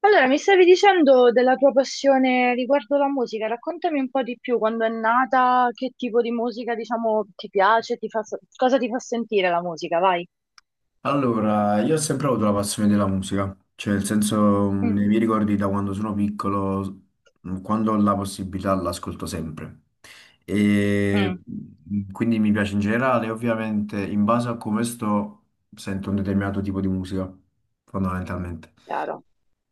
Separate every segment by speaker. Speaker 1: Allora, mi stavi dicendo della tua passione riguardo la musica, raccontami un po' di più, quando è nata, che tipo di musica, diciamo, ti piace, ti fa, cosa ti fa sentire la musica, vai.
Speaker 2: Allora, io ho sempre avuto la passione della musica, cioè nel senso nei
Speaker 1: Mm,
Speaker 2: miei ricordi da quando sono piccolo, quando ho la possibilità l'ascolto sempre. E
Speaker 1: mm,
Speaker 2: quindi mi piace in generale, ovviamente in base a come sto sento un determinato tipo di musica, fondamentalmente.
Speaker 1: chiaro.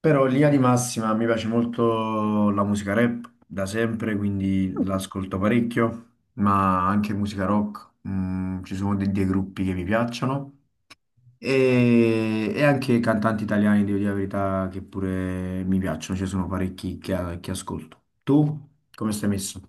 Speaker 2: Però in linea di massima mi piace molto la musica rap da sempre, quindi
Speaker 1: Mm.
Speaker 2: l'ascolto parecchio, ma anche musica rock, ci sono dei gruppi che mi piacciono. E anche cantanti italiani, devo dire la verità, che pure mi piacciono, ci sono parecchi che ascolto. Tu come stai messo?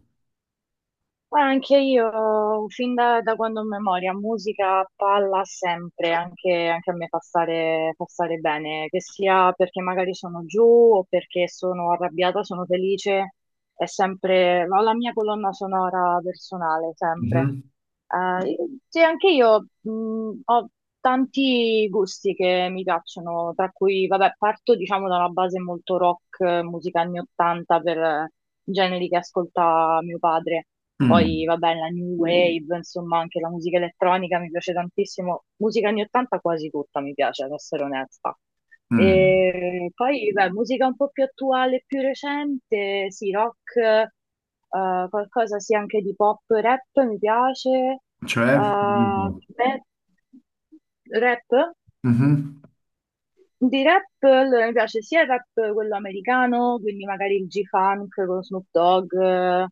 Speaker 1: Guarda, anche io, fin da quando ho memoria, musica, palla sempre, anche a me fa stare bene, che sia perché magari sono giù o perché sono arrabbiata, sono felice. È sempre, ho la mia colonna sonora personale, sempre.
Speaker 2: Mhm.
Speaker 1: Eh, sì, anche io ho tanti gusti che mi piacciono, tra cui, vabbè, parto diciamo da una base molto rock, musica anni 80 per generi che ascolta mio padre. Poi,
Speaker 2: Mm,
Speaker 1: vabbè, la new wave, insomma, anche la musica elettronica mi piace tantissimo. Musica anni 80 quasi tutta mi piace, ad essere onesta.
Speaker 2: mm.
Speaker 1: E poi, beh, musica un po' più attuale, più recente, sì, rock, qualcosa sì anche di pop, rap mi piace.
Speaker 2: Cioè, dimmi un
Speaker 1: Eh,
Speaker 2: po'.
Speaker 1: me- rap?
Speaker 2: Mhm.
Speaker 1: Di rap, allora mi piace sia il rap quello americano, quindi magari il G-Funk con Snoop Dogg,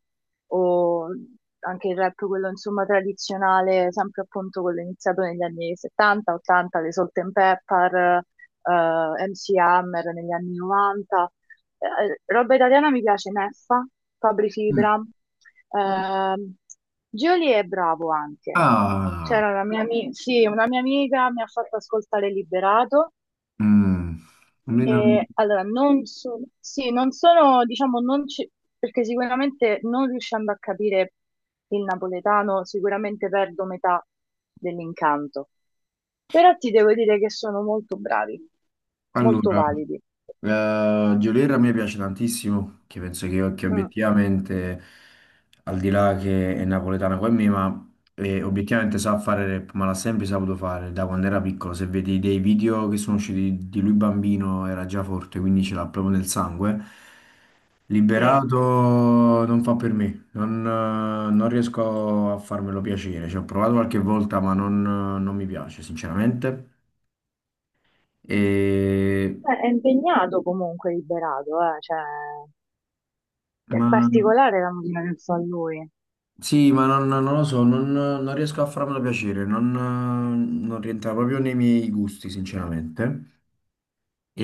Speaker 1: o anche il rap quello insomma tradizionale, sempre appunto quello iniziato negli anni 70, 80, le Salt and Pepper, MC Hammer negli anni 90. Roba italiana mi piace Neffa, Fabri
Speaker 2: Mm.
Speaker 1: Fibra. Mm. ehm, Gioli è bravo anche.
Speaker 2: Ah,
Speaker 1: C'era una mia, sì, una mia amica mi ha fatto ascoltare Liberato
Speaker 2: mm. Almeno-
Speaker 1: e, allora, non sono, sì, non sono, diciamo, non ci- perché sicuramente non riuscendo a capire il napoletano, sicuramente perdo metà dell'incanto. Però ti devo dire che sono molto bravi, molto
Speaker 2: Allora.
Speaker 1: validi.
Speaker 2: Geolier a me piace tantissimo, che penso che
Speaker 1: Mm.
Speaker 2: obiettivamente, al di là che è napoletana come me, ma obiettivamente sa fare rap, ma l'ha sempre saputo fare da quando era piccolo. Se vedi dei video che sono usciti di lui bambino, era già forte, quindi ce l'ha proprio nel sangue.
Speaker 1: Sì.
Speaker 2: Liberato non fa per me, non riesco a farmelo piacere. Ci ho provato qualche volta, ma non mi piace, sinceramente. E...
Speaker 1: Beh, è impegnato comunque, liberato, cioè, è
Speaker 2: Ma mm.
Speaker 1: particolare la musica che fa lui.
Speaker 2: Sì, ma non lo so, non riesco a farmelo piacere, non rientra proprio nei miei gusti, sinceramente.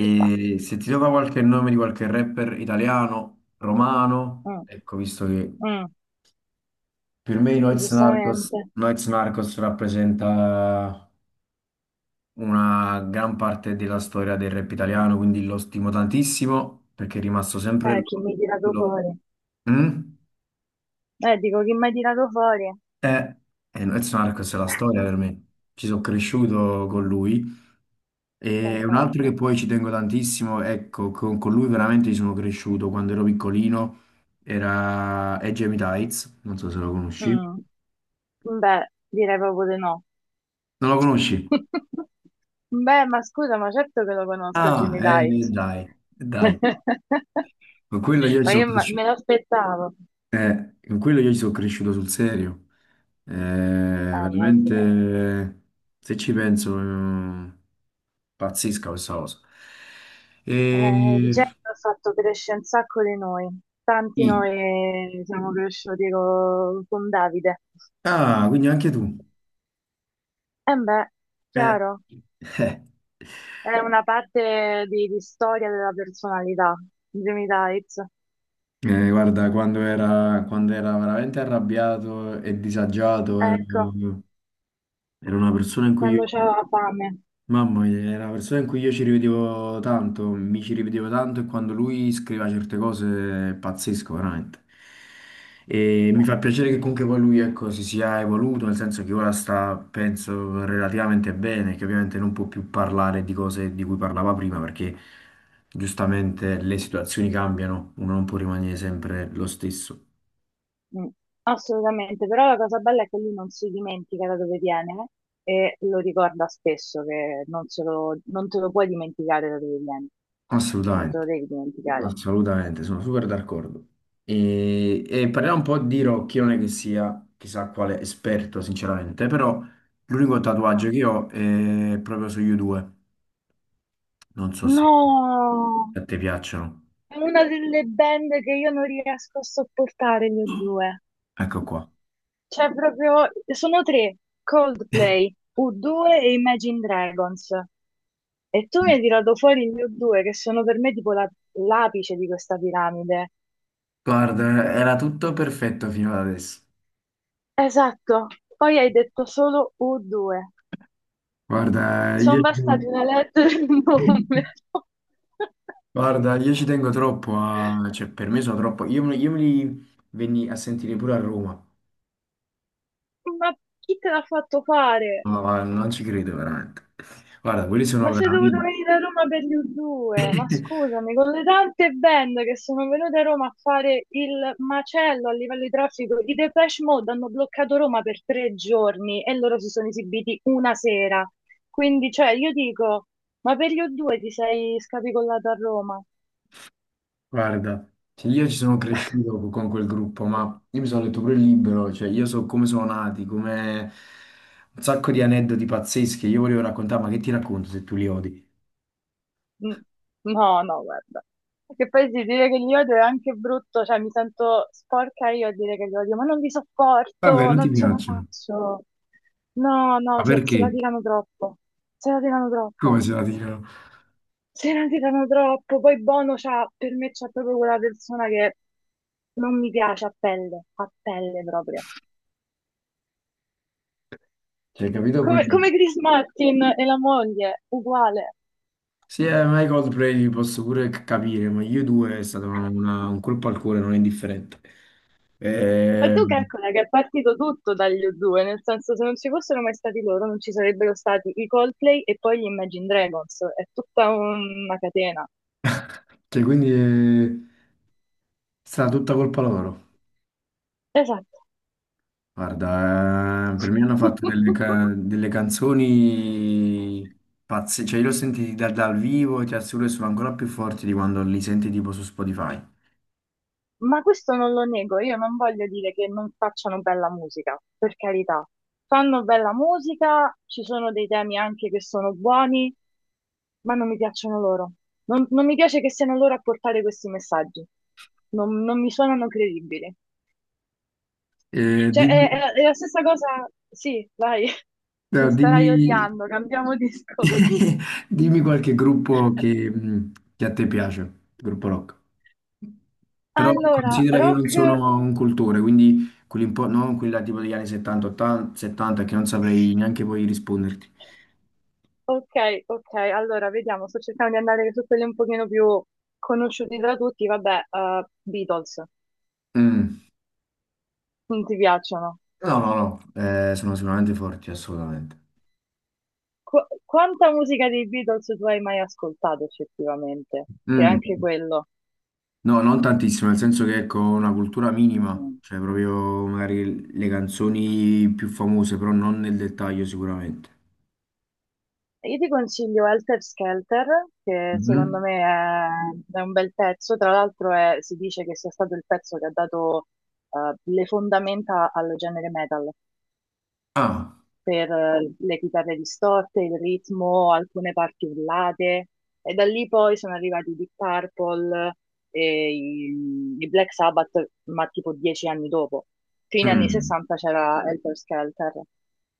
Speaker 1: Ci sta.
Speaker 2: se ti do qualche nome di qualche rapper italiano, romano,
Speaker 1: Mm,
Speaker 2: ecco, visto che
Speaker 1: mm,
Speaker 2: per me i Noyz Narcos,
Speaker 1: giustamente.
Speaker 2: Noyz Narcos rappresenta una gran parte della storia del rap italiano, quindi lo stimo tantissimo perché è rimasto sempre...
Speaker 1: Eh, chi mi ha tirato
Speaker 2: Lo-
Speaker 1: fuori?
Speaker 2: Mm?
Speaker 1: Dico, chi mi ha tirato fuori?
Speaker 2: Eh, Noyz Narcos è la storia per me, ci sono cresciuto con lui. E un altro che
Speaker 1: Concordo.
Speaker 2: poi ci tengo tantissimo, ecco, con lui veramente ci sono cresciuto quando ero piccolino, era è Jamie Tights, non so se lo conosci.
Speaker 1: Mm, beh, direi proprio di no.
Speaker 2: Non lo conosci?
Speaker 1: Beh, ma scusa, ma certo che lo conosco
Speaker 2: Ah,
Speaker 1: Jimmy Dice.
Speaker 2: dai, dai. Con quello io ci
Speaker 1: Ma
Speaker 2: sono
Speaker 1: io me
Speaker 2: cresciuto,
Speaker 1: l'aspettavo.
Speaker 2: con quello io ci sono cresciuto sul serio.
Speaker 1: Ma sì.
Speaker 2: Veramente, se ci penso, pazzesca questa cosa.
Speaker 1: Il
Speaker 2: E...
Speaker 1: genere ha fatto crescere un sacco di noi. Tanti
Speaker 2: sì.
Speaker 1: noi siamo cresciuti con Davide.
Speaker 2: Ah, quindi anche tu.
Speaker 1: E beh,
Speaker 2: Eh.
Speaker 1: chiaro,
Speaker 2: Eh.
Speaker 1: è una parte di storia della personalità, Jimmy Dice.
Speaker 2: Guarda, quando era veramente arrabbiato e disagiato,
Speaker 1: Ecco,
Speaker 2: era una persona in cui io,
Speaker 1: quando c'aveva fame.
Speaker 2: mamma mia, era una persona in cui io ci rivedevo tanto, mi ci rivedevo tanto e quando lui scriveva certe cose è pazzesco, veramente. E mi fa piacere che comunque poi lui, ecco, si sia evoluto, nel senso che ora sta, penso, relativamente bene, che ovviamente non può più parlare di cose di cui parlava prima perché giustamente le situazioni cambiano, uno non può rimanere sempre lo stesso.
Speaker 1: Mm, assolutamente, però la cosa bella è che lui non si dimentica da dove viene e lo ricorda spesso che non te lo puoi dimenticare da dove vieni, non te lo
Speaker 2: Assolutamente,
Speaker 1: devi dimenticare.
Speaker 2: assolutamente, sono super d'accordo. E parliamo un po' di Rocky, non è che sia chissà quale esperto, sinceramente, però l'unico
Speaker 1: Ah,
Speaker 2: tatuaggio che ho è proprio sugli U2. Non so se
Speaker 1: no,
Speaker 2: a te piacciono.
Speaker 1: è una delle band che io non riesco a sopportare, gli U due.
Speaker 2: Ecco qua.
Speaker 1: Cioè proprio, sono tre, Coldplay, U2 e Imagine Dragons. E tu mi hai tirato fuori gli U2 che sono per me tipo l'apice di questa piramide.
Speaker 2: Guarda, era tutto perfetto fino ad adesso.
Speaker 1: Esatto, poi hai detto solo U2.
Speaker 2: Guarda,
Speaker 1: Mi sono
Speaker 2: io ci tengo,
Speaker 1: bastati una lettera e un numero.
Speaker 2: guarda, io ci tengo troppo a... cioè per me sono troppo... io me li venni a sentire pure a Roma.
Speaker 1: Ma chi te l'ha fatto fare?
Speaker 2: No, ma non ci credo veramente. Guarda, quelli sono
Speaker 1: Ma sei dovuto
Speaker 2: veramente...
Speaker 1: venire a Roma per gli U2? Ma scusami, con le tante band che sono venute a Roma a fare il macello a livello di traffico, i Depeche Mode hanno bloccato Roma per 3 giorni e loro si sono esibiti una sera. Quindi, cioè, io dico, ma per gli U2 ti sei scapicollato a Roma?
Speaker 2: Guarda, cioè, io ci sono cresciuto con quel gruppo, ma io mi sono letto pure il libro, cioè io so come sono nati, come un sacco di aneddoti pazzeschi, io volevo raccontare, ma che ti racconto se tu li odi?
Speaker 1: Mm, no, no, guarda. Che poi sì, dire che li odio è anche brutto, cioè mi sento sporca io a dire che li odio, ma non li
Speaker 2: Vabbè,
Speaker 1: sopporto,
Speaker 2: non ti
Speaker 1: non ce la
Speaker 2: piacciono.
Speaker 1: faccio. No,
Speaker 2: Ma
Speaker 1: no, se la
Speaker 2: perché?
Speaker 1: tirano troppo, se la tirano
Speaker 2: Come
Speaker 1: troppo,
Speaker 2: se la tirano?
Speaker 1: se la tirano troppo. Poi Bono c'ha, per me c'è proprio quella persona che non mi piace a pelle proprio.
Speaker 2: Cioè, capito?
Speaker 1: Come,
Speaker 2: Quel...
Speaker 1: come Chris Martin e la moglie, uguale.
Speaker 2: Sì, ma i Coldplay li posso pure capire, ma io due è stato un colpo al cuore non indifferente.
Speaker 1: Ma
Speaker 2: Eh,
Speaker 1: tu calcola che è partito tutto dagli U2, nel senso se non ci fossero mai stati loro non ci sarebbero stati i Coldplay e poi gli Imagine Dragons, è tutta una catena.
Speaker 2: cioè, quindi... eh, È stata tutta colpa loro.
Speaker 1: Esatto.
Speaker 2: Guarda, per me hanno fatto delle, delle canzoni pazze, cioè io li ho sentiti dal vivo e ti assicuro che sono ancora più forti di quando li senti tipo su Spotify.
Speaker 1: Ma questo non lo nego, io non voglio dire che non facciano bella musica, per carità. Fanno bella musica, ci sono dei temi anche che sono buoni, ma non mi piacciono loro. Non mi piace che siano loro a portare questi messaggi. Non mi suonano credibili.
Speaker 2: Eh,
Speaker 1: Cioè,
Speaker 2: dimmi,
Speaker 1: è la è la stessa cosa. Sì, vai,
Speaker 2: no,
Speaker 1: mi starai
Speaker 2: dimmi,
Speaker 1: odiando, cambiamo discorso.
Speaker 2: dimmi qualche gruppo che a te piace, gruppo rock. Però
Speaker 1: Allora,
Speaker 2: considera che io non
Speaker 1: rock.
Speaker 2: sono un cultore, quindi quelli un po', no, quelli là tipo degli anni 70, 80, 70 che non saprei neanche poi risponderti.
Speaker 1: Ok, ok, allora vediamo, sto cercando di andare su quelli un pochino più conosciuti da tutti, vabbè, Beatles,
Speaker 2: Mm.
Speaker 1: non ti piacciono?
Speaker 2: No, no, no, sono sicuramente forti, assolutamente.
Speaker 1: Quanta musica dei Beatles tu hai mai ascoltato effettivamente? Che
Speaker 2: Mm,
Speaker 1: anche quello.
Speaker 2: no, non tantissimo, nel senso che ecco, una cultura minima,
Speaker 1: Mm.
Speaker 2: cioè proprio magari le canzoni più famose, però non nel dettaglio sicuramente.
Speaker 1: Io ti consiglio Helter Skelter, che secondo
Speaker 2: Mhm.
Speaker 1: me è un bel pezzo, tra l'altro si dice che sia stato il pezzo che ha dato le fondamenta al genere metal,
Speaker 2: Ah,
Speaker 1: per le chitarre distorte, il ritmo, alcune parti urlate, e da lì poi sono arrivati i Deep Purple e i Black Sabbath, ma tipo 10 anni dopo. Fine anni
Speaker 2: mm,
Speaker 1: 60 c'era Helter Skelter.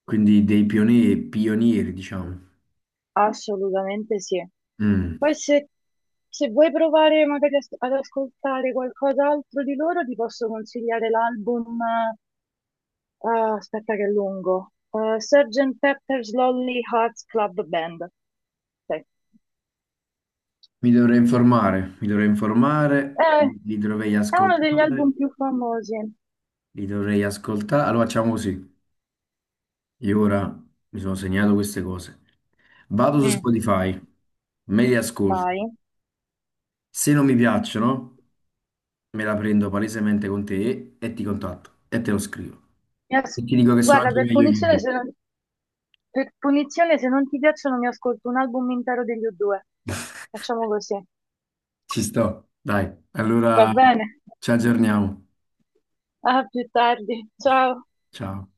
Speaker 2: quindi dei pionieri, pionieri, diciamo.
Speaker 1: Assolutamente sì.
Speaker 2: Mm.
Speaker 1: Poi se vuoi provare magari ad ascoltare qualcos'altro di loro, ti posso consigliare l'album, eh, aspetta che è lungo, Sgt. Pepper's Lonely Hearts Club Band. Sì. Eh,
Speaker 2: Mi dovrei informare, li dovrei
Speaker 1: è uno degli
Speaker 2: ascoltare,
Speaker 1: album più famosi.
Speaker 2: li dovrei ascoltare. Allora facciamo così. Io ora mi sono segnato queste cose. Vado su
Speaker 1: Mm,
Speaker 2: Spotify, me li ascolto.
Speaker 1: vai.
Speaker 2: Se non mi piacciono, me la prendo palesemente con te e ti contatto e te lo scrivo.
Speaker 1: Mi
Speaker 2: E
Speaker 1: as-
Speaker 2: ti dico che sono
Speaker 1: Guarda,
Speaker 2: anche
Speaker 1: per
Speaker 2: meglio di
Speaker 1: punizione,
Speaker 2: due.
Speaker 1: se non... ti piacciono, mi ascolto un album intero degli U2. Facciamo così.
Speaker 2: Ci sto. Dai,
Speaker 1: Va
Speaker 2: allora
Speaker 1: bene.
Speaker 2: ci aggiorniamo.
Speaker 1: A più tardi. Ciao.
Speaker 2: Ciao.